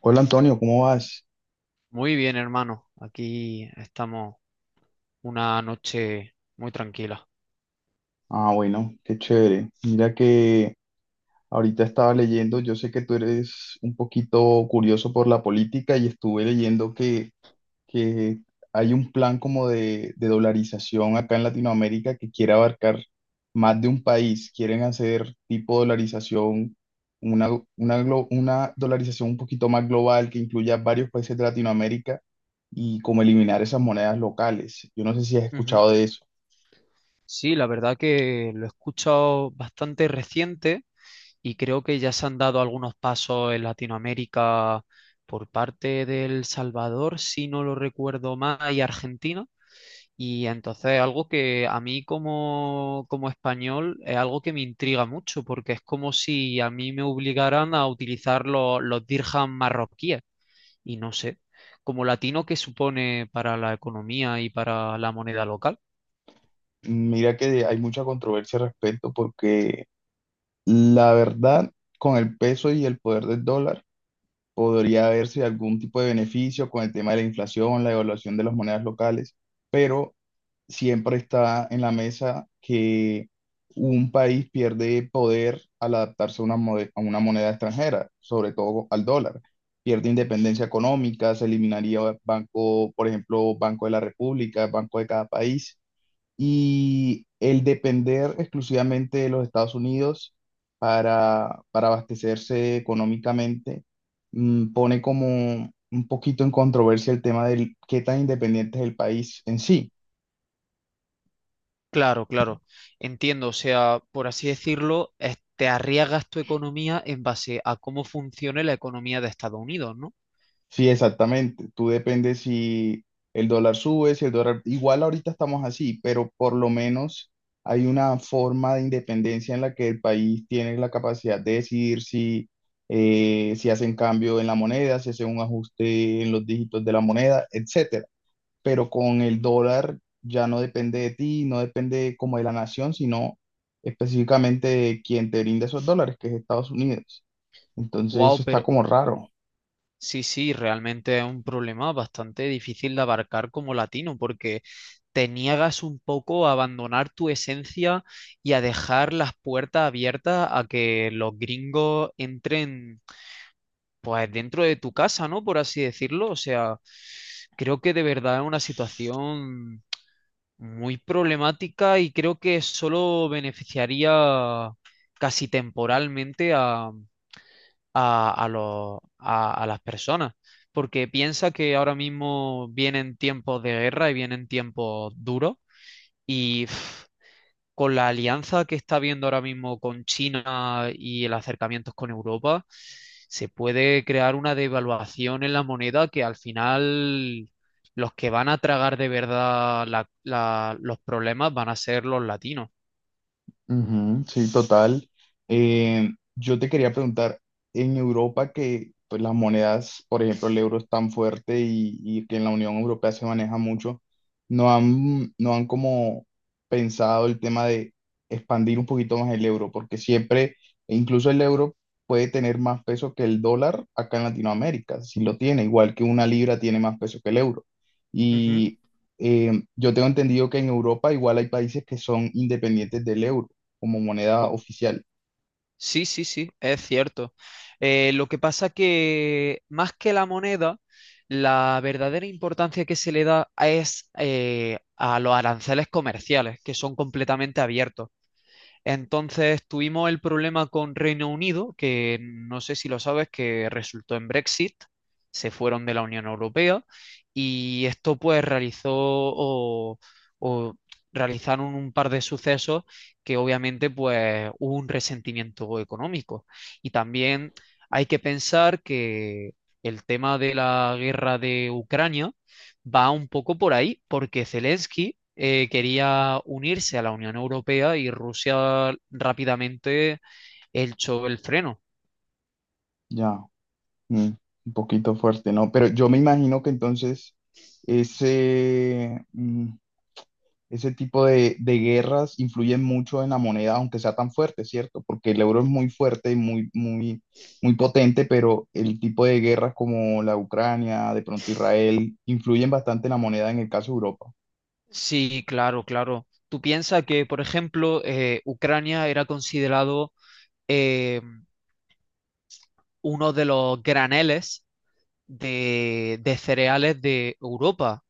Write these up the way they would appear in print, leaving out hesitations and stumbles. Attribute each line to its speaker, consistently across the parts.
Speaker 1: Hola Antonio, ¿cómo vas?
Speaker 2: Muy bien, hermano. Aquí estamos una noche muy tranquila.
Speaker 1: Ah, bueno, qué chévere. Mira que ahorita estaba leyendo, yo sé que tú eres un poquito curioso por la política y estuve leyendo que hay un plan como de dolarización acá en Latinoamérica que quiere abarcar más de un país. Quieren hacer tipo dolarización, una, una dolarización un poquito más global que incluya varios países de Latinoamérica y como eliminar esas monedas locales. Yo no sé si has
Speaker 2: Ujú.
Speaker 1: escuchado de eso.
Speaker 2: Sí, la verdad que lo he escuchado bastante reciente y creo que ya se han dado algunos pasos en Latinoamérica por parte del Salvador, si no lo recuerdo mal, y Argentina. Y entonces algo que a mí como español es algo que me intriga mucho porque es como si a mí me obligaran a utilizar los dirhams marroquíes. Y no sé, como latino, ¿qué supone para la economía y para la moneda local?
Speaker 1: Mira que hay mucha controversia al respecto porque la verdad, con el peso y el poder del dólar, podría haberse algún tipo de beneficio con el tema de la inflación, la evaluación de las monedas locales, pero siempre está en la mesa que un país pierde poder al adaptarse a a una moneda extranjera, sobre todo al dólar. Pierde independencia económica, se eliminaría banco, por ejemplo, Banco de la República, Banco de cada país y el depender exclusivamente de los Estados Unidos para abastecerse económicamente pone como un poquito en controversia el tema del qué tan independiente es el país en sí.
Speaker 2: Claro, claro, entiendo. O sea, por así decirlo, te arriesgas tu economía en base a cómo funcione la economía de Estados Unidos, ¿no?
Speaker 1: Sí, exactamente. Tú dependes si el dólar sube, si el dólar... Igual ahorita estamos así, pero por lo menos hay una forma de independencia en la que el país tiene la capacidad de decidir si, si hacen cambio en la moneda, si hacen un ajuste en los dígitos de la moneda, etcétera. Pero con el dólar ya no depende de ti, no depende como de la nación, sino específicamente de quien te brinda esos dólares, que es Estados Unidos. Entonces eso
Speaker 2: Wow,
Speaker 1: está
Speaker 2: pero
Speaker 1: como raro.
Speaker 2: sí, sí, realmente es un problema bastante difícil de abarcar como latino, porque te niegas un poco a abandonar tu esencia y a dejar las puertas abiertas a que los gringos entren pues dentro de tu casa, ¿no? Por así decirlo. O sea, creo que de verdad es una situación muy problemática y creo que solo beneficiaría casi temporalmente a las personas. Porque piensa que ahora mismo vienen tiempos de guerra y vienen tiempos duros y con la alianza que está habiendo ahora mismo con China y el acercamiento con Europa, se puede crear una devaluación en la moneda que al final los que van a tragar de verdad los problemas van a ser los latinos.
Speaker 1: Ujú, sí, total. Yo te quería preguntar, en Europa que pues, las monedas, por ejemplo, el euro es tan fuerte y que en la Unión Europea se maneja mucho, ¿no han como pensado el tema de expandir un poquito más el euro? Porque siempre, e incluso el euro puede tener más peso que el dólar acá en Latinoamérica, si lo tiene, igual que una libra tiene más peso que el euro.
Speaker 2: Ujú.
Speaker 1: Y yo tengo entendido que en Europa igual hay países que son independientes del euro como moneda
Speaker 2: Co-
Speaker 1: oficial.
Speaker 2: Sí, sí, sí, es cierto. Lo que pasa que más que la moneda, la verdadera importancia que se le da es a los aranceles comerciales, que son completamente abiertos. Entonces tuvimos el problema con Reino Unido, que no sé si lo sabes, que resultó en Brexit, se fueron de la Unión Europea y esto pues realizó o realizaron un par de sucesos que obviamente pues hubo un resentimiento económico. Y también hay que pensar que el tema de la guerra de Ucrania va un poco por ahí, porque Zelensky quería unirse a la Unión Europea y Rusia rápidamente echó el freno.
Speaker 1: Ya, mm, un poquito fuerte, ¿no? Pero yo me imagino que entonces ese, mm, ese tipo de guerras influyen mucho en la moneda, aunque sea tan fuerte, ¿cierto? Porque el euro es muy fuerte y muy, muy, muy potente, pero el tipo de guerras como la Ucrania, de pronto Israel, influyen bastante en la moneda en el caso de Europa.
Speaker 2: Sí, claro, claro. Tú piensas que, por ejemplo, Ucrania era considerado eh, uno de los graneles de cereales de Europa.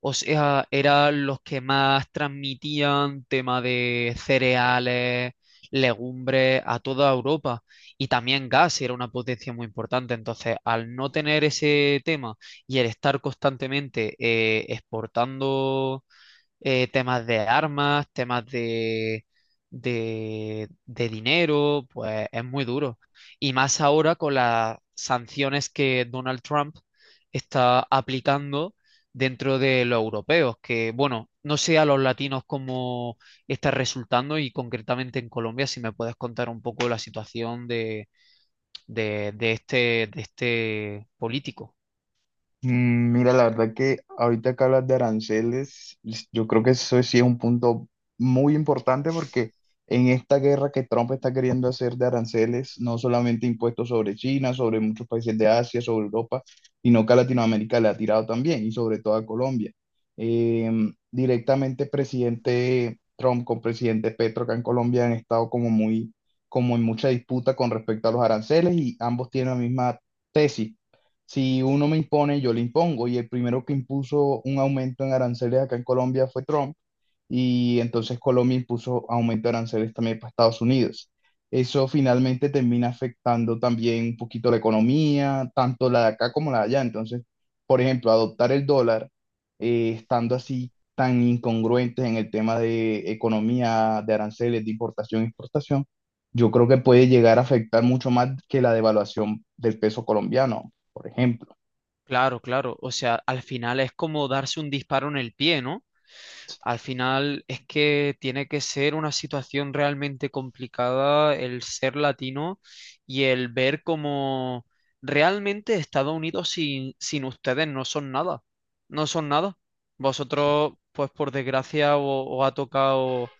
Speaker 2: O sea, eran los que más transmitían tema de cereales, legumbres a toda Europa. Y también gas era una potencia muy importante. Entonces, al no tener ese tema y el estar constantemente exportando temas de armas, de dinero, pues es muy duro. Y más ahora con las sanciones que Donald Trump está aplicando dentro de los europeos, que bueno, no sé a los latinos cómo está resultando y concretamente en Colombia, si me puedes contar un poco la situación de, de este, de este político.
Speaker 1: Mira, la verdad que ahorita que hablas de aranceles, yo creo que eso sí es un punto muy importante porque en esta guerra que Trump está queriendo hacer de aranceles, no solamente impuestos sobre China, sobre muchos países de Asia, sobre Europa, sino que a Latinoamérica le ha tirado también y sobre todo a Colombia. Directamente presidente Trump con presidente Petro acá en Colombia han estado como muy, como en mucha disputa con respecto a los aranceles y ambos tienen la misma tesis si uno me impone, yo le impongo. Y el primero que impuso un aumento en aranceles acá en Colombia fue Trump. Y entonces Colombia impuso aumento de aranceles también para Estados Unidos. Eso finalmente termina afectando también un poquito la economía, tanto la de acá como la de allá. Entonces, por ejemplo, adoptar el dólar, estando así tan incongruentes en el tema de economía, de aranceles, de importación y exportación, yo creo que puede llegar a afectar mucho más que la devaluación del peso colombiano. Por ejemplo,
Speaker 2: Claro, claro. O sea, al final es como darse un disparo en el pie, ¿no? Al final es que tiene que ser una situación realmente complicada el ser latino y el ver cómo realmente Estados Unidos sin ustedes no son nada, no son nada. Vosotros, pues por desgracia, os ha tocado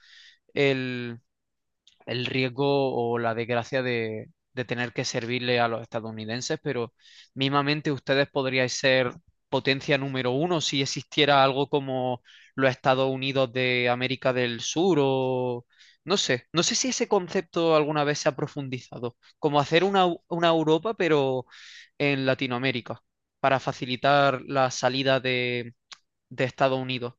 Speaker 2: el riesgo o la desgracia de tener que servirle a los estadounidenses, pero mismamente ustedes podríais ser potencia número uno si existiera algo como los Estados Unidos de América del Sur o no sé, no sé si ese concepto alguna vez se ha profundizado, como hacer una, una Europa pero en Latinoamérica para facilitar la salida de Estados Unidos.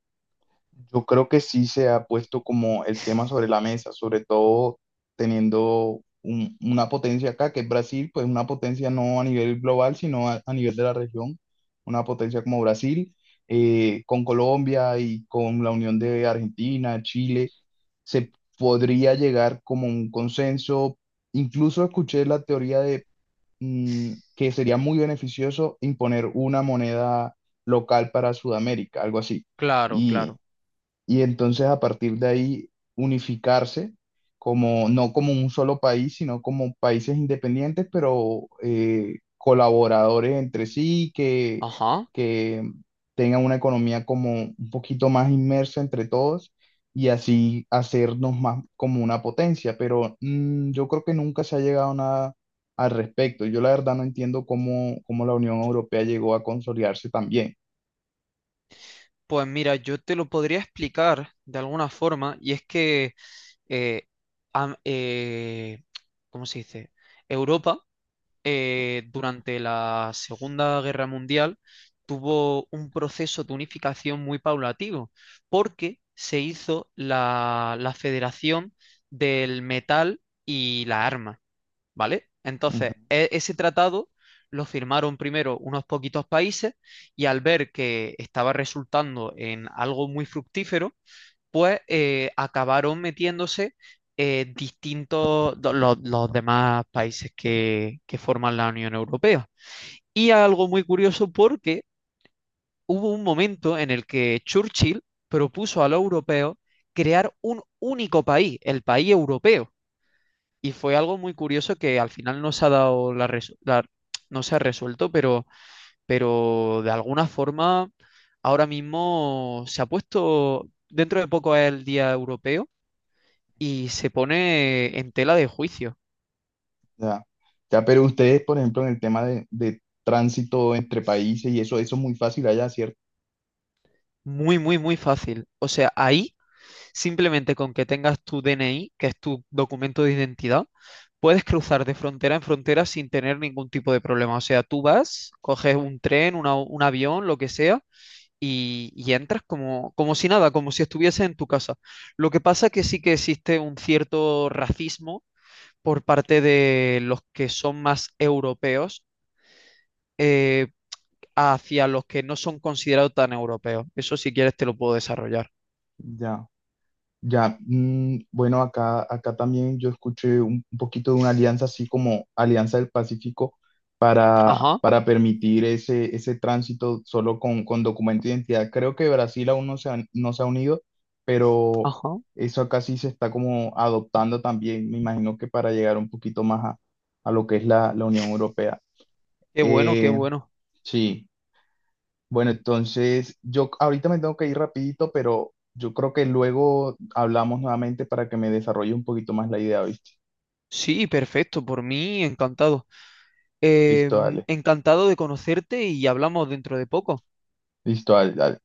Speaker 1: yo creo que sí se ha puesto como el tema sobre la mesa, sobre todo teniendo una potencia acá, que es Brasil, pues una potencia no a nivel global, sino a nivel de la región, una potencia como Brasil, con Colombia y con la unión de Argentina, Chile, se podría llegar como a un consenso. Incluso escuché la teoría de que sería muy beneficioso imponer una moneda local para Sudamérica, algo así.
Speaker 2: Claro,
Speaker 1: Y
Speaker 2: claro.
Speaker 1: y entonces a partir de ahí unificarse como no como un solo país, sino como países independientes, pero colaboradores entre sí, que,
Speaker 2: Ajá.
Speaker 1: que tengan una economía como un poquito más inmersa entre todos y así hacernos más como una potencia. Pero yo creo que nunca se ha llegado a nada al respecto. Yo la verdad no entiendo cómo la Unión Europea llegó a consolidarse también.
Speaker 2: Pues mira, yo te lo podría explicar de alguna forma, y es que, eh, am- eh, ¿cómo se dice? Europa, durante la Segunda Guerra Mundial, tuvo un proceso de unificación muy paulatino, porque se hizo la Federación del Metal y la Arma. ¿Vale? Entonces, ese tratado lo firmaron primero unos poquitos países y al ver que estaba resultando en algo muy fructífero, pues acabaron metiéndose distintos, los demás países que forman la Unión Europea. Y algo muy curioso porque hubo un momento en el que Churchill propuso a los europeos crear un único país, el país europeo. Y fue algo muy curioso que al final no se ha dado no se ha resuelto, pero de alguna forma ahora mismo se ha puesto, dentro de poco es el Día Europeo y se pone en tela de juicio.
Speaker 1: Ya. Ya, pero ustedes, por ejemplo, en el tema de tránsito entre países y eso es muy fácil allá, ¿cierto?
Speaker 2: Muy, muy, muy fácil. O sea, ahí simplemente con que tengas tu DNI, que es tu documento de identidad, puedes cruzar de frontera en frontera sin tener ningún tipo de problema. O sea, tú vas, coges un tren, un avión, lo que sea y entras como, como si nada, como si estuvieses en tu casa. Lo que pasa que sí que existe un cierto racismo por parte de los que son más europeos eh, hacia los que no son considerados tan europeos. Eso si quieres te lo puedo desarrollar.
Speaker 1: Ya, ya. Mm, bueno, acá también yo escuché un poquito de una alianza así como Alianza del Pacífico
Speaker 2: Ajá,
Speaker 1: para permitir ese tránsito solo con documento de identidad. Creo que Brasil aún no se ha unido, pero
Speaker 2: ajá.
Speaker 1: eso acá sí se está como adoptando también, me imagino que para llegar un poquito más a lo que es la Unión Europea.
Speaker 2: Qué bueno, qué
Speaker 1: Eh,
Speaker 2: bueno.
Speaker 1: Sí, bueno, entonces yo ahorita me tengo que ir rapidito, pero yo creo que luego hablamos nuevamente para que me desarrolle un poquito más la idea, ¿viste?
Speaker 2: Sí, perfecto, por mí encantado. Eh,
Speaker 1: Listo, dale.
Speaker 2: Encantado de conocerte y hablamos dentro de poco.
Speaker 1: Listo, dale, dale.